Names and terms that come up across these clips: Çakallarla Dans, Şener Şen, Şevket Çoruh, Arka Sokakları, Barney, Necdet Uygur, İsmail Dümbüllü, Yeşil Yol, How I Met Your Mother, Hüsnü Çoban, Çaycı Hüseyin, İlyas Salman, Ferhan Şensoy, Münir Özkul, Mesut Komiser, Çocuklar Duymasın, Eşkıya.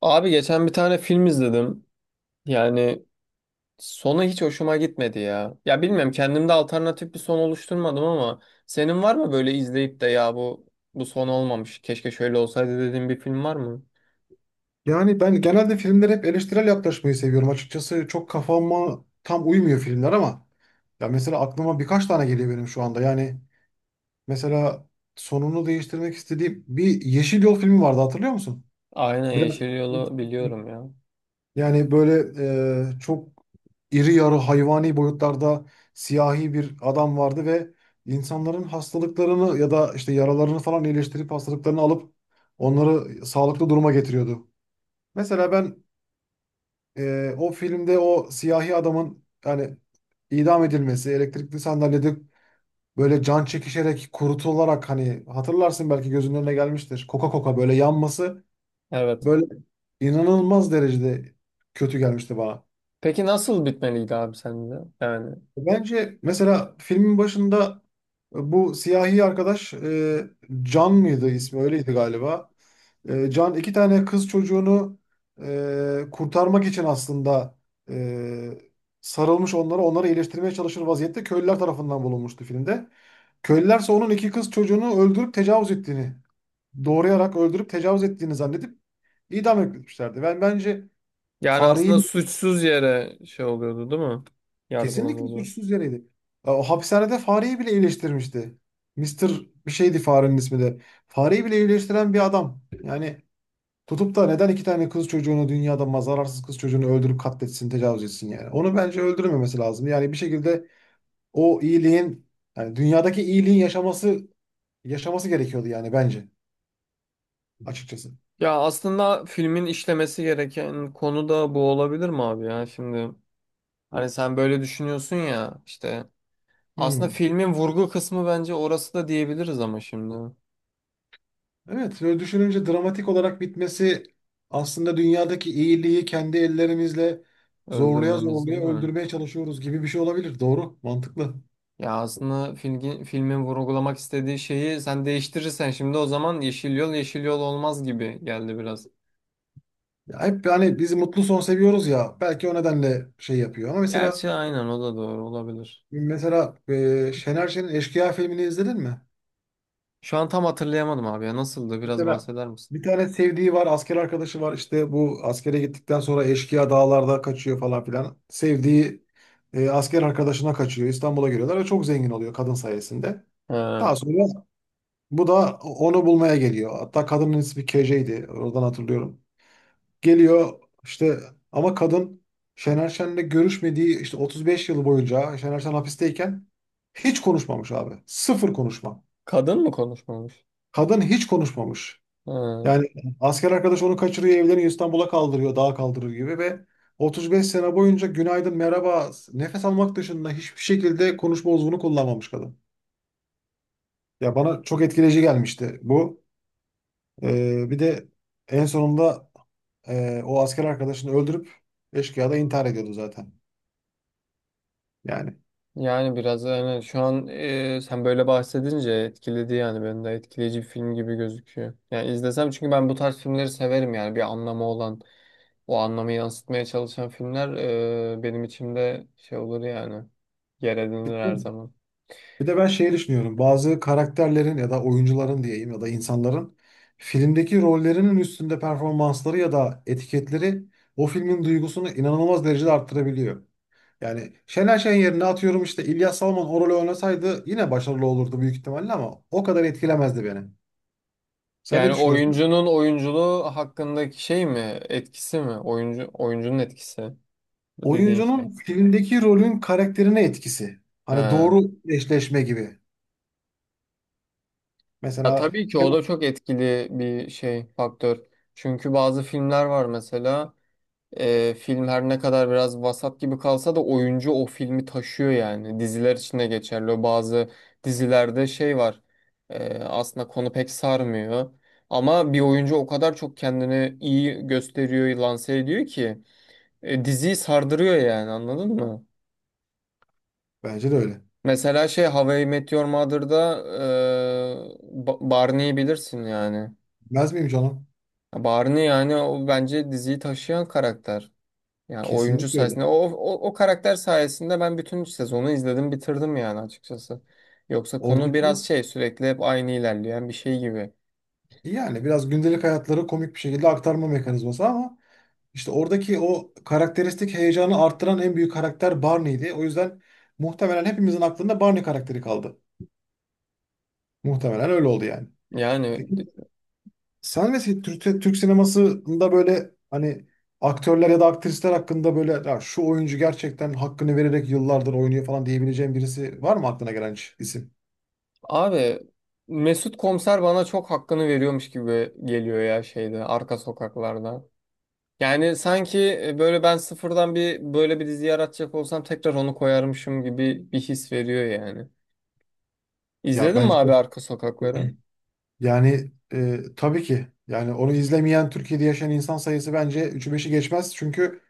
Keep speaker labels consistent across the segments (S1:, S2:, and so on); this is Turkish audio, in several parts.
S1: Abi geçen bir tane film izledim. Yani sonu hiç hoşuma gitmedi ya. Ya bilmiyorum, kendimde alternatif bir son oluşturmadım ama senin var mı böyle izleyip de ya bu son olmamış, keşke şöyle olsaydı dediğin bir film var mı?
S2: Yani ben genelde filmlere hep eleştirel yaklaşmayı seviyorum. Açıkçası çok kafama tam uymuyor filmler ama ya mesela aklıma birkaç tane geliyor benim şu anda. Yani mesela sonunu değiştirmek istediğim bir Yeşil Yol filmi vardı, hatırlıyor musun?
S1: Aynen,
S2: Biraz
S1: Yeşil Yol'u biliyorum ya.
S2: yani böyle çok iri yarı hayvani boyutlarda siyahi bir adam vardı ve insanların hastalıklarını ya da işte yaralarını falan iyileştirip hastalıklarını alıp onları sağlıklı duruma getiriyordu. Mesela ben o filmde o siyahi adamın yani idam edilmesi, elektrikli sandalyede böyle can çekişerek kurutularak, hani hatırlarsın, belki gözünün önüne gelmiştir. Koka koka böyle yanması
S1: Evet.
S2: böyle inanılmaz derecede kötü gelmişti bana.
S1: Peki nasıl bitmeliydi abi sende? Yani
S2: Bence mesela filmin başında bu siyahi arkadaş, Can mıydı ismi, öyleydi galiba. Can iki tane kız çocuğunu kurtarmak için aslında e, sarılmış onlara, onları iyileştirmeye çalışır vaziyette köylüler tarafından bulunmuştu filmde. Köylüler ise onun iki kız çocuğunu öldürüp tecavüz ettiğini, doğrayarak öldürüp tecavüz ettiğini zannedip idam etmişlerdi. Ben bence
S1: yani
S2: fareyi
S1: aslında suçsuz yere şey oluyordu değil mi?
S2: kesinlikle
S1: Yargılanıyordu.
S2: suçsuz yereydi. Ya o hapishanede fareyi bile iyileştirmişti. Mister bir şeydi farenin ismi de. Fareyi bile iyileştiren bir adam. Yani tutup da neden iki tane kız çocuğunu, dünyada mazararsız kız çocuğunu öldürüp katletsin, tecavüz etsin yani? Onu bence öldürmemesi lazım. Yani bir şekilde o iyiliğin, yani dünyadaki iyiliğin yaşaması gerekiyordu yani bence açıkçası.
S1: Ya aslında filmin işlemesi gereken konu da bu olabilir mi abi ya şimdi? Hani sen böyle düşünüyorsun ya, işte aslında
S2: Hmm.
S1: filmin vurgu kısmı bence orası da diyebiliriz ama şimdi
S2: Evet, böyle düşününce dramatik olarak bitmesi, aslında dünyadaki iyiliği kendi ellerimizle zorluya
S1: öldürmemiz değil
S2: zorluya
S1: mi?
S2: öldürmeye çalışıyoruz gibi bir şey olabilir. Doğru, mantıklı.
S1: Ya aslında filmin vurgulamak istediği şeyi sen değiştirirsen şimdi, o zaman Yeşil Yol Yeşil Yol olmaz gibi geldi biraz.
S2: Ya hep hani bizi mutlu son seviyoruz ya, belki o nedenle şey yapıyor. Ama mesela
S1: Gerçi aynen, o da doğru olabilir.
S2: Şener Şen'in Eşkıya filmini izledin mi?
S1: Şu an tam hatırlayamadım abi ya, nasıldı, biraz
S2: Mesela
S1: bahseder misin?
S2: bir tane sevdiği var, asker arkadaşı var. İşte bu askere gittikten sonra eşkıya dağlarda kaçıyor falan filan. Sevdiği asker arkadaşına kaçıyor. İstanbul'a geliyorlar ve çok zengin oluyor kadın sayesinde.
S1: He,
S2: Daha sonra bu da onu bulmaya geliyor. Hatta kadının ismi KJ'ydi. Oradan hatırlıyorum. Geliyor işte ama kadın Şener Şen'le görüşmediği işte 35 yıl boyunca, Şener Şen hapisteyken hiç konuşmamış abi. Sıfır konuşma.
S1: kadın mı konuşmamış?
S2: Kadın hiç konuşmamış.
S1: He.
S2: Yani asker arkadaş onu kaçırıyor, evleniyor, İstanbul'a kaldırıyor, dağa kaldırır gibi ve 35 sene boyunca günaydın, merhaba, nefes almak dışında hiçbir şekilde konuşma uzvunu kullanmamış kadın. Ya bana çok etkileyici gelmişti bu. Bir de en sonunda o asker arkadaşını öldürüp eşkıya da intihar ediyordu zaten. Yani
S1: Yani biraz, yani şu an sen böyle bahsedince etkiledi, yani beni de etkileyici bir film gibi gözüküyor. Yani izlesem, çünkü ben bu tarz filmleri severim, yani bir anlamı olan, o anlamı yansıtmaya çalışan filmler benim içimde şey olur yani, yer edinir
S2: bitti
S1: her
S2: mi?
S1: zaman.
S2: Bir de ben şeyi düşünüyorum. Bazı karakterlerin ya da oyuncuların diyeyim, ya da insanların filmdeki rollerinin üstünde performansları ya da etiketleri o filmin duygusunu inanılmaz derecede arttırabiliyor. Yani Şener Şen yerine atıyorum işte İlyas Salman o rolü oynasaydı yine başarılı olurdu büyük ihtimalle ama o kadar etkilemezdi beni. Sen ne
S1: Yani
S2: düşünüyorsun?
S1: oyuncunun oyunculuğu hakkındaki şey mi, etkisi mi, oyuncunun etkisi dediğin
S2: Oyuncunun
S1: şey.
S2: filmdeki rolün karakterine etkisi. Hani
S1: Ha.
S2: doğru eşleşme gibi.
S1: Ya
S2: Mesela
S1: tabii ki
S2: değil
S1: o
S2: mi?
S1: da çok etkili bir şey, faktör. Çünkü bazı filmler var mesela. Film her ne kadar biraz vasat gibi kalsa da oyuncu o filmi taşıyor yani. Diziler için de geçerli. O bazı dizilerde şey var. Aslında konu pek sarmıyor. Ama bir oyuncu o kadar çok kendini iyi gösteriyor, lanse ediyor ki diziyi sardırıyor yani, anladın mı?
S2: Bence de öyle.
S1: Mesela şey, How I Met Your Mother'da Barney'i bilirsin yani.
S2: Bilmez miyim canım?
S1: Barney, yani o bence diziyi taşıyan karakter. Yani oyuncu
S2: Kesinlikle
S1: sayesinde,
S2: öyle.
S1: o karakter sayesinde ben bütün sezonu izledim, bitirdim yani açıkçası. Yoksa konu
S2: Oradaki
S1: biraz şey, sürekli hep aynı ilerleyen bir şey gibi.
S2: yani biraz gündelik hayatları komik bir şekilde aktarma mekanizması ama işte oradaki o karakteristik heyecanı arttıran en büyük karakter Barney'di. O yüzden muhtemelen hepimizin aklında Barney karakteri kaldı. Muhtemelen öyle oldu yani.
S1: Yani
S2: Peki
S1: d-
S2: sen ve Türk sinemasında böyle hani aktörler ya da aktrisler hakkında böyle "Ya şu oyuncu gerçekten hakkını vererek yıllardır oynuyor" falan diyebileceğin birisi var mı, aklına gelen hiç isim?
S1: Abi, Mesut Komiser bana çok hakkını veriyormuş gibi geliyor ya, şeyde, Arka Sokaklarda. Yani sanki böyle, ben sıfırdan bir, böyle bir dizi yaratacak olsam tekrar onu koyarmışım gibi bir his veriyor yani.
S2: Ya
S1: İzledin mi
S2: bence de.
S1: abi Arka Sokakları?
S2: yani tabii ki yani onu izlemeyen Türkiye'de yaşayan insan sayısı bence üçü beşi geçmez. Çünkü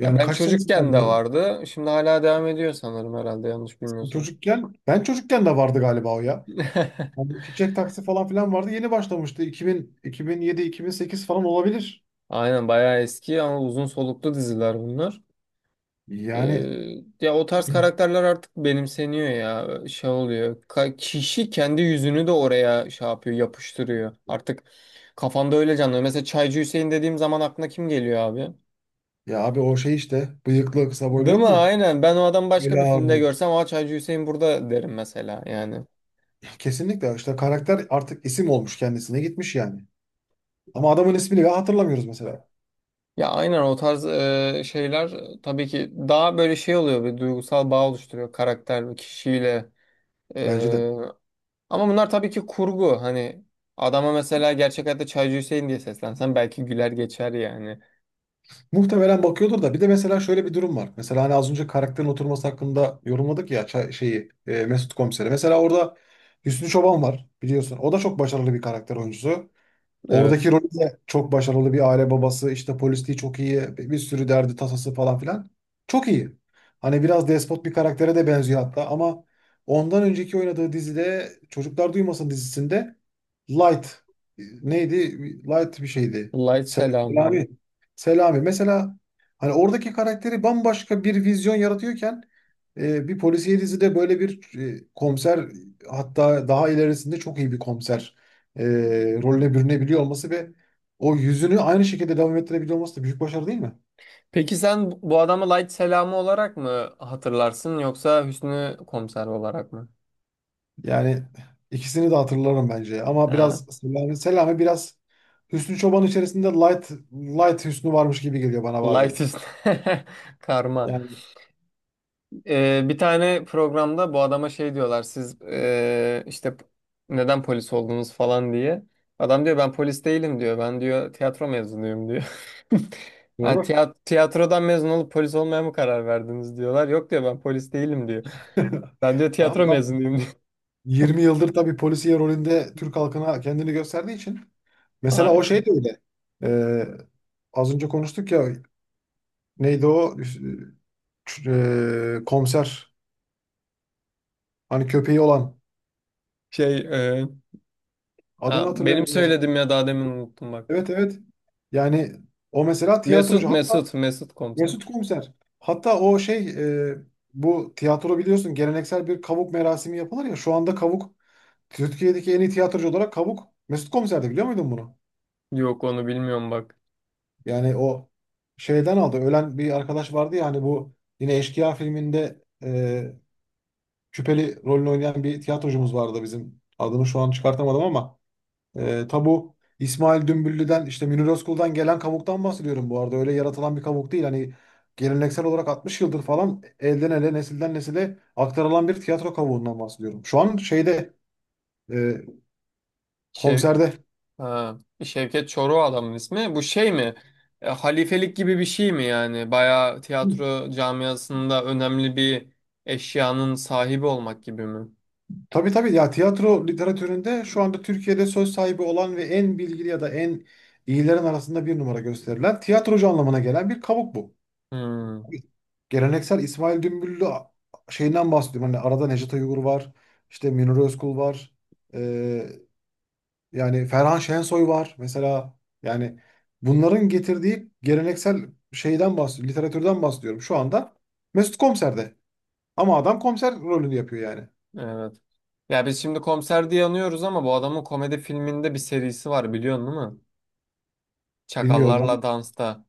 S1: Ya ben
S2: kaç
S1: çocukken
S2: senesinden
S1: de
S2: beri?
S1: vardı. Şimdi hala devam ediyor sanırım, herhalde yanlış
S2: Sen
S1: bilmiyorsam.
S2: çocukken, ben çocukken de vardı galiba o ya. Yani çiçek taksi falan filan vardı. Yeni başlamıştı. 2000, 2007-2008 falan olabilir.
S1: Aynen, bayağı eski ama uzun soluklu diziler bunlar. Ee,
S2: Yani
S1: Ya o tarz karakterler artık benimseniyor ya. Şey oluyor, kişi kendi yüzünü de oraya şey yapıyor, yapıştırıyor. Artık kafanda öyle canlanıyor. Mesela Çaycı Hüseyin dediğim zaman aklına kim geliyor abi?
S2: ya abi o şey işte, bıyıklı kısa boylu,
S1: Değil
S2: yok
S1: mi?
S2: mu?
S1: Aynen. Ben o adamı başka
S2: Öyle
S1: bir filmde
S2: abi.
S1: görsem, "Aa, Çaycı Hüseyin burada" derim mesela yani.
S2: Kesinlikle işte karakter artık isim olmuş, kendisine gitmiş yani. Ama adamın ismini bile hatırlamıyoruz mesela.
S1: Ya aynen, o tarz şeyler, tabii ki daha böyle şey oluyor, bir duygusal bağ oluşturuyor karakter ve kişiyle.
S2: Bence de.
S1: E, Ama bunlar tabii ki kurgu. Hani adama mesela gerçek hayatta Çaycı Hüseyin diye seslensen belki güler geçer yani.
S2: Muhtemelen bakıyordur da, bir de mesela şöyle bir durum var. Mesela hani az önce karakterin oturması hakkında yorumladık ya, şeyi, Mesut Komiser'i. Mesela orada Hüsnü Çoban var, biliyorsun. O da çok başarılı bir karakter oyuncusu.
S1: Evet.
S2: Oradaki rolü de çok başarılı bir aile babası, işte polisliği çok iyi, bir sürü derdi tasası falan filan. Çok iyi. Hani biraz despot bir karaktere de benziyor hatta ama ondan önceki oynadığı dizide, Çocuklar Duymasın dizisinde, Light neydi? Light bir şeydi.
S1: Light Selamı bu.
S2: Selami. Selami. Mesela hani oradaki karakteri bambaşka bir vizyon yaratıyorken bir polisiye dizide böyle bir komiser, hatta daha ilerisinde çok iyi bir komiser e, rolüne bürünebiliyor olması ve o yüzünü aynı şekilde devam ettirebiliyor olması da büyük başarı değil mi?
S1: Peki sen bu adamı Light Selamı olarak mı hatırlarsın, yoksa Hüsnü Komiser olarak mı?
S2: Yani ikisini de hatırlarım bence. Ama
S1: Ha,
S2: biraz Selami, Selami biraz Hüsnü Çoban içerisinde light light Hüsnü varmış gibi geliyor bana
S1: Light
S2: bazen.
S1: Hüsnü. Karma.
S2: Yani
S1: Bir tane programda bu adama şey diyorlar, siz işte, neden polis oldunuz falan diye. Adam diyor ben polis değilim diyor. Ben diyor tiyatro mezunuyum diyor. Ha,
S2: doğru.
S1: tiyatrodan mezun olup polis olmaya mı karar verdiniz diyorlar. Yok diyor ben polis değilim diyor. Ben diyor tiyatro
S2: Adam
S1: mezunuyum diyor.
S2: 20 yıldır tabii polisiye rolünde Türk halkına kendini gösterdiği için. Mesela o
S1: Ay,
S2: şey de öyle. Ee, az önce konuştuk ya, neydi o, komiser, hani köpeği olan,
S1: Şey ee,
S2: adını
S1: ha, benim
S2: hatırlayamadım.
S1: söyledim ya daha demin, unuttum bak.
S2: Evet, evet. Yani o mesela
S1: Mesut
S2: tiyatrocu hatta,
S1: Mesut Mesut Komiser.
S2: Mesut Komiser. Hatta o şey, e, bu tiyatro biliyorsun, geleneksel bir kavuk merasimi yapılır ya. Şu anda kavuk, Türkiye'deki en iyi tiyatrocu olarak kavuk, Mesut Komiser'di, biliyor muydun bunu?
S1: Yok, onu bilmiyorum bak.
S2: Yani o şeyden aldı. Ölen bir arkadaş vardı ya hani, bu yine Eşkıya filminde küpeli rolünü oynayan bir tiyatrocumuz vardı bizim. Adını şu an çıkartamadım ama. E, tabu İsmail Dümbüllü'den işte Münir Özkul'dan gelen kavuktan bahsediyorum bu arada. Öyle yaratılan bir kavuk değil. Hani geleneksel olarak 60 yıldır falan elden ele, nesilden nesile aktarılan bir tiyatro kavuğundan bahsediyorum. Şu an şeyde, e,
S1: Şey,
S2: konserde.
S1: Ha, Şevket Çoruh adamın ismi. Bu şey mi? Halifelik gibi bir şey mi yani? Bayağı tiyatro camiasında önemli bir eşyanın sahibi olmak gibi mi?
S2: Tabii tabii ya, tiyatro literatüründe şu anda Türkiye'de söz sahibi olan ve en bilgili ya da en iyilerin arasında bir numara gösterilen tiyatrocu anlamına gelen bir kavuk bu.
S1: Hmm,
S2: Geleneksel İsmail Dümbüllü şeyinden bahsediyorum. Hani arada Necdet Uygur var, işte Münir Özkul var. Ee, yani Ferhan Şensoy var. Mesela yani bunların getirdiği geleneksel şeyden bahsediyorum. Literatürden bahsediyorum. Şu anda Mesut Komiser'de. Ama adam komiser rolünü yapıyor yani.
S1: evet. Ya biz şimdi komiser diye anıyoruz ama bu adamın komedi filminde bir serisi var, biliyorsun değil mi?
S2: Bilmiyorum ben.
S1: Çakallarla Dans'ta.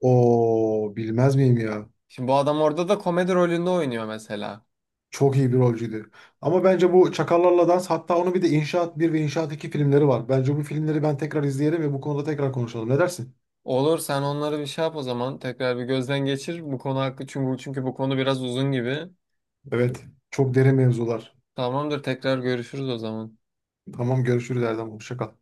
S2: O bilmez miyim ya?
S1: Şimdi bu adam orada da komedi rolünde oynuyor mesela.
S2: Çok iyi bir rolcüydü. Ama bence bu Çakallarla Dans, hatta onun bir de İnşaat bir ve İnşaat 2 filmleri var. Bence bu filmleri ben tekrar izleyelim ve bu konuda tekrar konuşalım. Ne dersin?
S1: Olur, sen onları bir şey yap o zaman. Tekrar bir gözden geçir bu konu hakkı, çünkü bu konu biraz uzun gibi.
S2: Evet. Çok derin mevzular.
S1: Tamamdır, tekrar görüşürüz o zaman.
S2: Tamam, görüşürüz Erdem. Hoşça kal.